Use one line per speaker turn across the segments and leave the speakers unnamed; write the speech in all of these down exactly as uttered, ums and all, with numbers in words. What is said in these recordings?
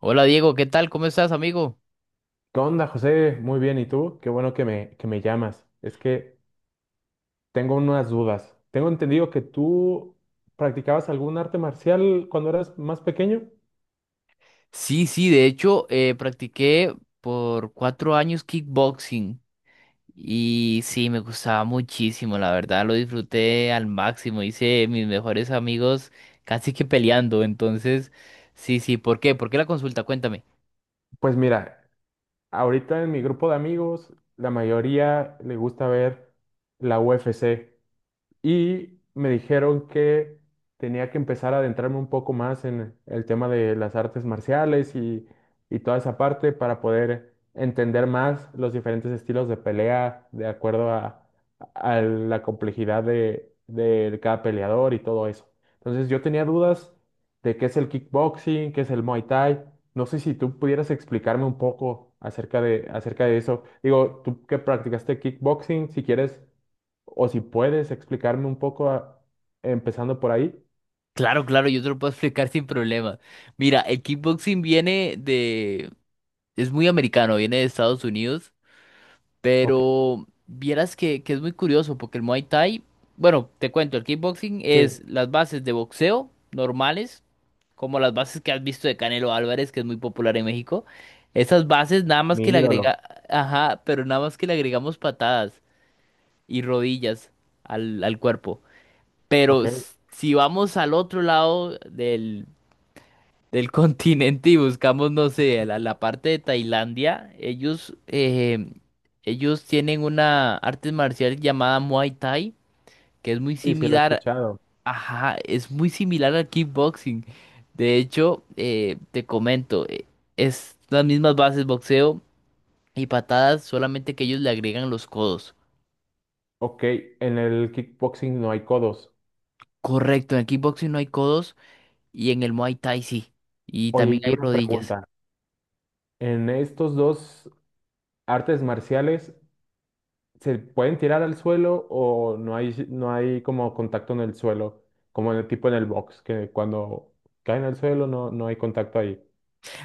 Hola Diego, ¿qué tal? ¿Cómo estás, amigo?
¿Qué onda, José? Muy bien, ¿y tú? Qué bueno que me, que me llamas. Es que tengo unas dudas. Tengo entendido que tú practicabas algún arte marcial cuando eras más pequeño.
Sí, sí, de hecho, eh, practiqué por cuatro años kickboxing y sí, me gustaba muchísimo, la verdad, lo disfruté al máximo, hice mis mejores amigos casi que peleando, entonces, sí, sí, ¿por qué? ¿Por qué la consulta? Cuéntame.
Pues mira, ahorita en mi grupo de amigos, la mayoría le gusta ver la U F C. Y me dijeron que tenía que empezar a adentrarme un poco más en el tema de las artes marciales y, y toda esa parte para poder entender más los diferentes estilos de pelea de acuerdo a, a la complejidad de, de cada peleador y todo eso. Entonces yo tenía dudas de qué es el kickboxing, qué es el Muay Thai. No sé si tú pudieras explicarme un poco acerca de, acerca de eso. Digo, tú que practicaste kickboxing, si quieres o si puedes explicarme un poco, a- empezando por ahí.
Claro, claro, yo te lo puedo explicar sin problema. Mira, el kickboxing viene de... es muy americano, viene de Estados Unidos.
Ok,
Pero vieras que, que es muy curioso porque el Muay Thai, bueno, te cuento, el kickboxing
sí,
es las bases de boxeo normales, como las bases que has visto de Canelo Álvarez, que es muy popular en México. Esas bases nada más que
mi
le
ídolo.
agrega, ajá, pero nada más que le agregamos patadas y rodillas al, al cuerpo. Pero
Ok,
s- si vamos al otro lado del del continente y buscamos, no sé, la, la parte de Tailandia, ellos, eh, ellos tienen una arte marcial llamada Muay Thai, que es muy
sí, sí, la he
similar,
escuchado.
ajá, es muy similar al kickboxing. De hecho, eh, te comento, eh, es las mismas bases, boxeo y patadas, solamente que ellos le agregan los codos.
Ok, en el kickboxing no hay codos.
Correcto, en el kickboxing no hay codos y en el Muay Thai sí. Y
Oye,
también
y
hay
una
rodillas.
pregunta. ¿En estos dos artes marciales se pueden tirar al suelo o no hay, no hay como contacto en el suelo? Como en el tipo en el box, que cuando caen al suelo no, no hay contacto ahí.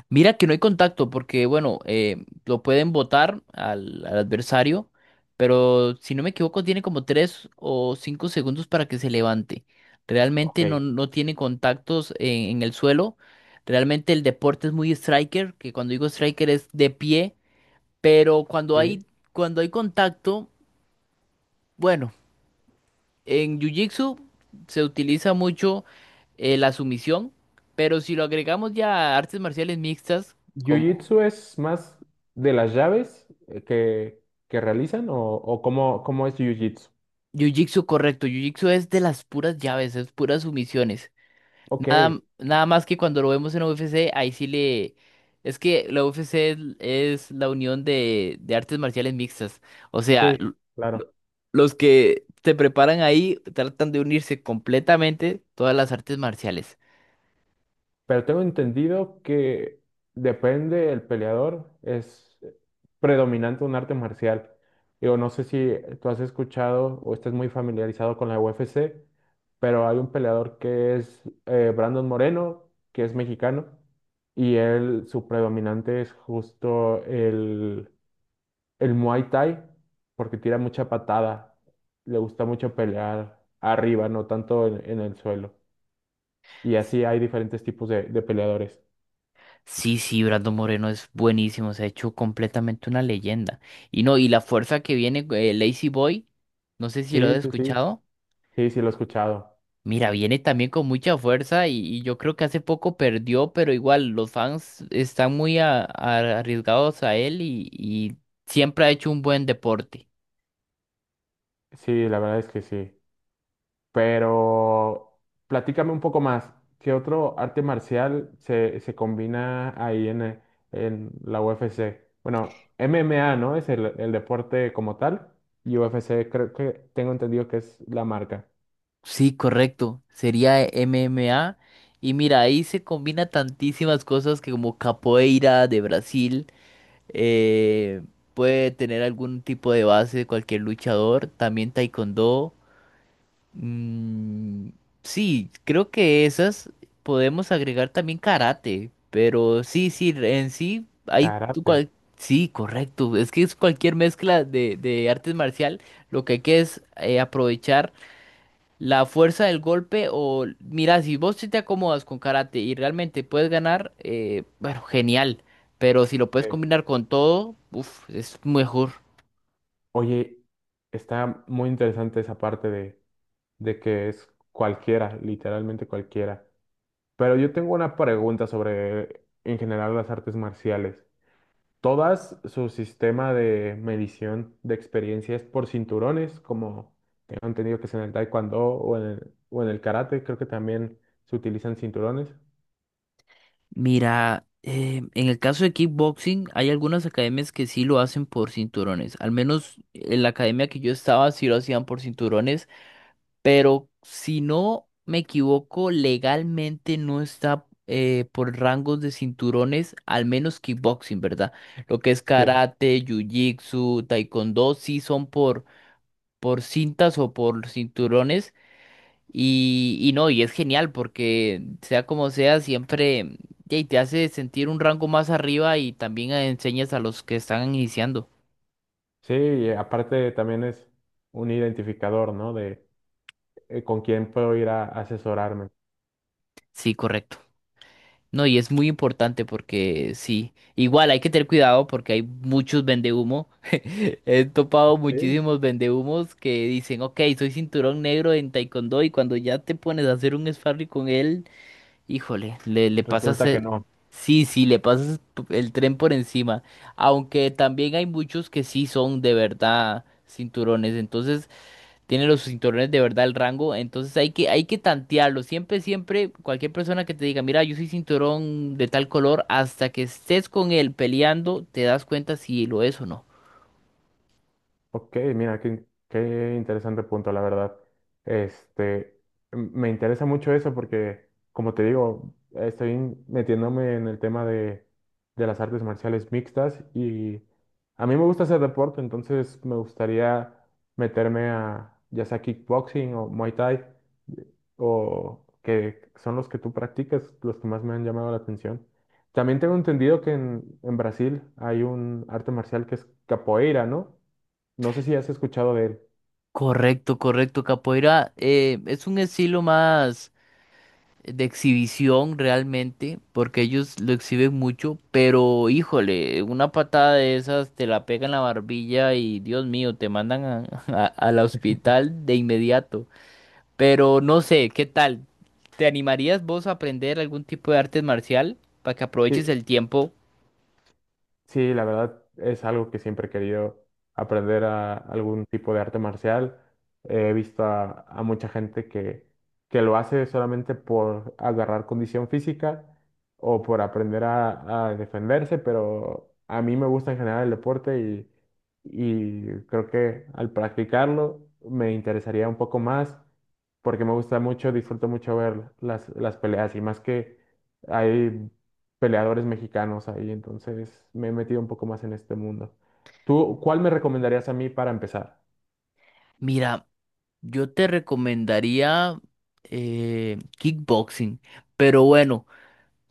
Mira que no hay contacto porque, bueno, eh, lo pueden botar al, al adversario, pero si no me equivoco tiene como tres o cinco segundos para que se levante. Realmente no,
Ok,
no tiene contactos en, en el suelo. Realmente el deporte es muy striker, que cuando digo striker es de pie, pero cuando
sí.
hay, cuando hay contacto, bueno, en Jiu-Jitsu se utiliza mucho eh, la sumisión, pero si lo agregamos ya a artes marciales mixtas,
¿Jiu-Jitsu es más de las llaves eh, que, que realizan o, o cómo, cómo es Jiu-Jitsu?
Jiu-Jitsu, correcto. Jiu-Jitsu es de las puras llaves, es puras sumisiones.
Ok,
Nada, nada más que cuando lo vemos en U F C, ahí sí le... Es que la U F C es, es la unión de, de artes marciales mixtas. O sea,
sí,
l-
claro.
lo- los que se preparan ahí tratan de unirse completamente todas las artes marciales.
Pero tengo entendido que depende el peleador, es predominante un arte marcial. Digo, no sé si tú has escuchado o estás muy familiarizado con la U F C, pero hay un peleador que es eh, Brandon Moreno, que es mexicano, y él, su predominante es justo el Muay Thai, porque tira mucha patada, le gusta mucho pelear arriba, no tanto en, en el suelo. Y así hay diferentes tipos de, de peleadores.
Sí, sí, Brando Moreno es buenísimo, se ha hecho completamente una leyenda. Y no, y la fuerza que viene, eh, Lazy Boy, no sé si lo has
Sí, sí, sí,
escuchado.
sí, sí, lo he escuchado.
Mira, viene también con mucha fuerza y, y yo creo que hace poco perdió, pero igual los fans están muy a- a- arriesgados a él y, y siempre ha hecho un buen deporte.
Sí, la verdad es que sí. Pero platícame un poco más, ¿qué otro arte marcial se, se combina ahí en, eh, en la U F C? Bueno, M M A, ¿no? Es el, el deporte como tal. Y U F C creo que tengo entendido que es la marca.
Sí, correcto, sería M M A. Y mira, ahí se combina tantísimas cosas que como capoeira de Brasil, eh, puede tener algún tipo de base de cualquier luchador, también taekwondo. Mm, sí, creo que esas podemos agregar también karate, pero sí, sí, en sí hay tu
Karate.
cual- sí, correcto, es que es cualquier mezcla de, de artes marcial, lo que hay que es eh, aprovechar la fuerza del golpe o mira, si vos sí te acomodas con karate y realmente puedes ganar, eh, bueno, genial, pero si lo puedes
Sí.
combinar con todo, uf, es mejor.
Oye, está muy interesante esa parte de, de que es cualquiera, literalmente cualquiera. Pero yo tengo una pregunta sobre, en general, las artes marciales. ¿Todas su sistema de medición de experiencia es por cinturones, como tengo entendido que es en el taekwondo o en el, o en el karate? Creo que también se utilizan cinturones.
Mira, eh, en el caso de kickboxing, hay algunas academias que sí lo hacen por cinturones. Al menos en la academia que yo estaba sí lo hacían por cinturones, pero si no me equivoco, legalmente no está eh, por rangos de cinturones, al menos kickboxing, ¿verdad? Lo que es
Sí,
karate, jiu-jitsu, taekwondo, sí son por, por cintas o por cinturones. Y, y no, y es genial porque sea como sea, siempre y te hace sentir un rango más arriba y también enseñas a los que están iniciando.
sí, y aparte también es un identificador, ¿no? De eh, con quién puedo ir a asesorarme.
Sí, correcto. No, y es muy importante porque sí, igual hay que tener cuidado porque hay muchos vendehumo. He topado
Sí.
muchísimos vendehumos que dicen, ok, soy cinturón negro en taekwondo y cuando ya te pones a hacer un sparring con él, híjole, le, le pasas
Resulta que
el...
no.
Sí, sí, le pasas p- el tren por encima. Aunque también hay muchos que sí son de verdad cinturones. Entonces, tienen los cinturones de verdad el rango. Entonces hay que, hay que tantearlo. Siempre, siempre, cualquier persona que te diga, mira, yo soy cinturón de tal color, hasta que estés con él peleando, te das cuenta si lo es o no.
Ok, mira, qué, qué interesante punto, la verdad. Este, m- me interesa mucho eso porque, como te digo, estoy metiéndome en el tema de, de las artes marciales mixtas y a mí me gusta hacer deporte, entonces me gustaría meterme a ya sea kickboxing o Muay Thai o que son los que tú practicas, los que más me han llamado la atención. También tengo entendido que en, en Brasil hay un arte marcial que es capoeira, ¿no? No sé si has escuchado de él.
Correcto, correcto. Capoeira, eh, es un estilo más de exhibición realmente, porque ellos lo exhiben mucho, pero híjole, una patada de esas te la pega en la barbilla y Dios mío, te mandan a- a- al hospital de inmediato. Pero no sé, ¿qué tal? ¿Te animarías vos a aprender algún tipo de arte marcial para que
Sí,
aproveches el tiempo?
sí, la verdad es algo que siempre he querido aprender a algún tipo de arte marcial. He visto a, a mucha gente que, que lo hace solamente por agarrar condición física o por aprender a, a defenderse, pero a mí me gusta en general el deporte y, y creo que al practicarlo me interesaría un poco más porque me gusta mucho, disfruto mucho ver las, las peleas y más que... Hay peleadores mexicanos ahí, entonces me he metido un poco más en este mundo. ¿Tú cuál me recomendarías a mí para empezar?
Mira, yo te recomendaría eh, kickboxing, pero bueno.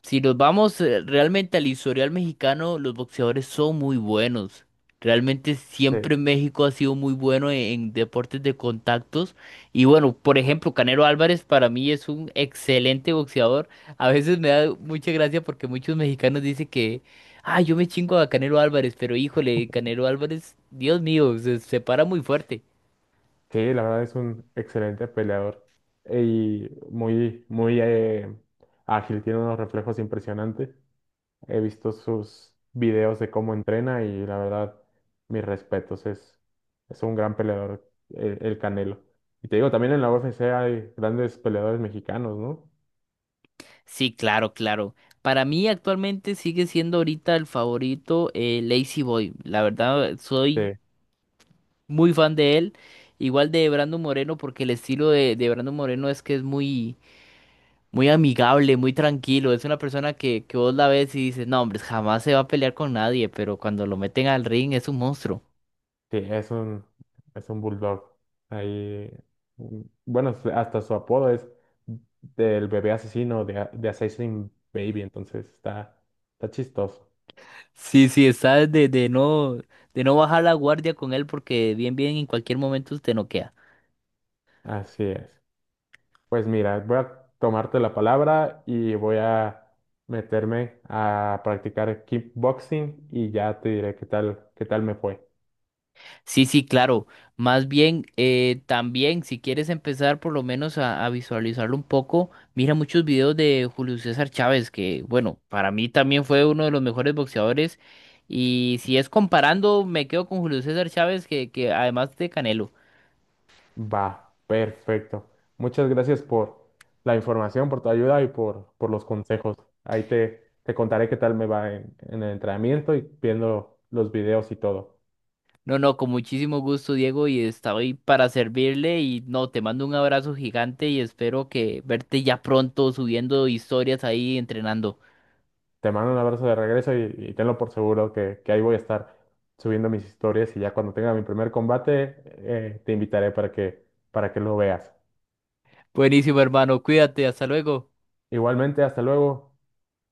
Si nos vamos eh, realmente al historial mexicano, los boxeadores son muy buenos. Realmente siempre México ha sido muy bueno en, en deportes de contactos. Y bueno, por ejemplo, Canelo Álvarez para mí es un excelente boxeador. A veces me da mucha gracia porque muchos mexicanos dicen que, ah, yo me chingo a Canelo Álvarez, pero híjole, Canelo Álvarez, Dios mío, se, se para muy fuerte.
Sí, la verdad es un excelente peleador y muy, muy eh, ágil, tiene unos reflejos impresionantes. He visto sus videos de cómo entrena y la verdad, mis respetos, es, es un gran peleador, el, el Canelo. Y te digo, también en la U F C hay grandes peleadores mexicanos, ¿no?
Sí, claro, claro. Para mí actualmente sigue siendo ahorita el favorito eh, Lazy Boy. La verdad, soy muy fan de él. Igual de Brando Moreno, porque el estilo de, de Brando Moreno es que es muy, muy amigable, muy tranquilo. Es una persona que, que vos la ves y dices, no, hombre, jamás se va a pelear con nadie, pero cuando lo meten al ring es un monstruo.
Sí, es un, es un bulldog. Ahí, mm, bueno, su- hasta su apodo es del bebé asesino de, a- de Assassin Baby, entonces está, está chistoso.
Sí, sí, está de, de no, de no bajar la guardia con él porque bien, bien en cualquier momento te noquea.
Así es. Pues mira, voy a tomarte la palabra y voy a meterme a practicar kickboxing y ya te diré qué tal, qué tal me fue.
Sí, sí, claro. Más bien, eh, también, si quieres empezar por lo menos a, a visualizarlo un poco, mira muchos videos de Julio César Chávez, que bueno, para mí también fue uno de los mejores boxeadores. Y si es comparando, me quedo con Julio César Chávez, que, que además de Canelo.
Va, perfecto. Muchas gracias por la información, por tu ayuda y por, por los consejos. Ahí te, te contaré qué tal me va en, en el entrenamiento y viendo los videos y todo.
No, no, con muchísimo gusto, Diego, y estoy para servirle. Y no, te mando un abrazo gigante y espero que verte ya pronto subiendo historias ahí entrenando.
Te mando un abrazo de regreso y, y tenlo por seguro que, que ahí voy a estar subiendo mis historias y ya cuando tenga mi primer combate eh, te invitaré para que, para que lo veas.
Buenísimo, hermano. Cuídate, hasta luego.
Igualmente, hasta luego.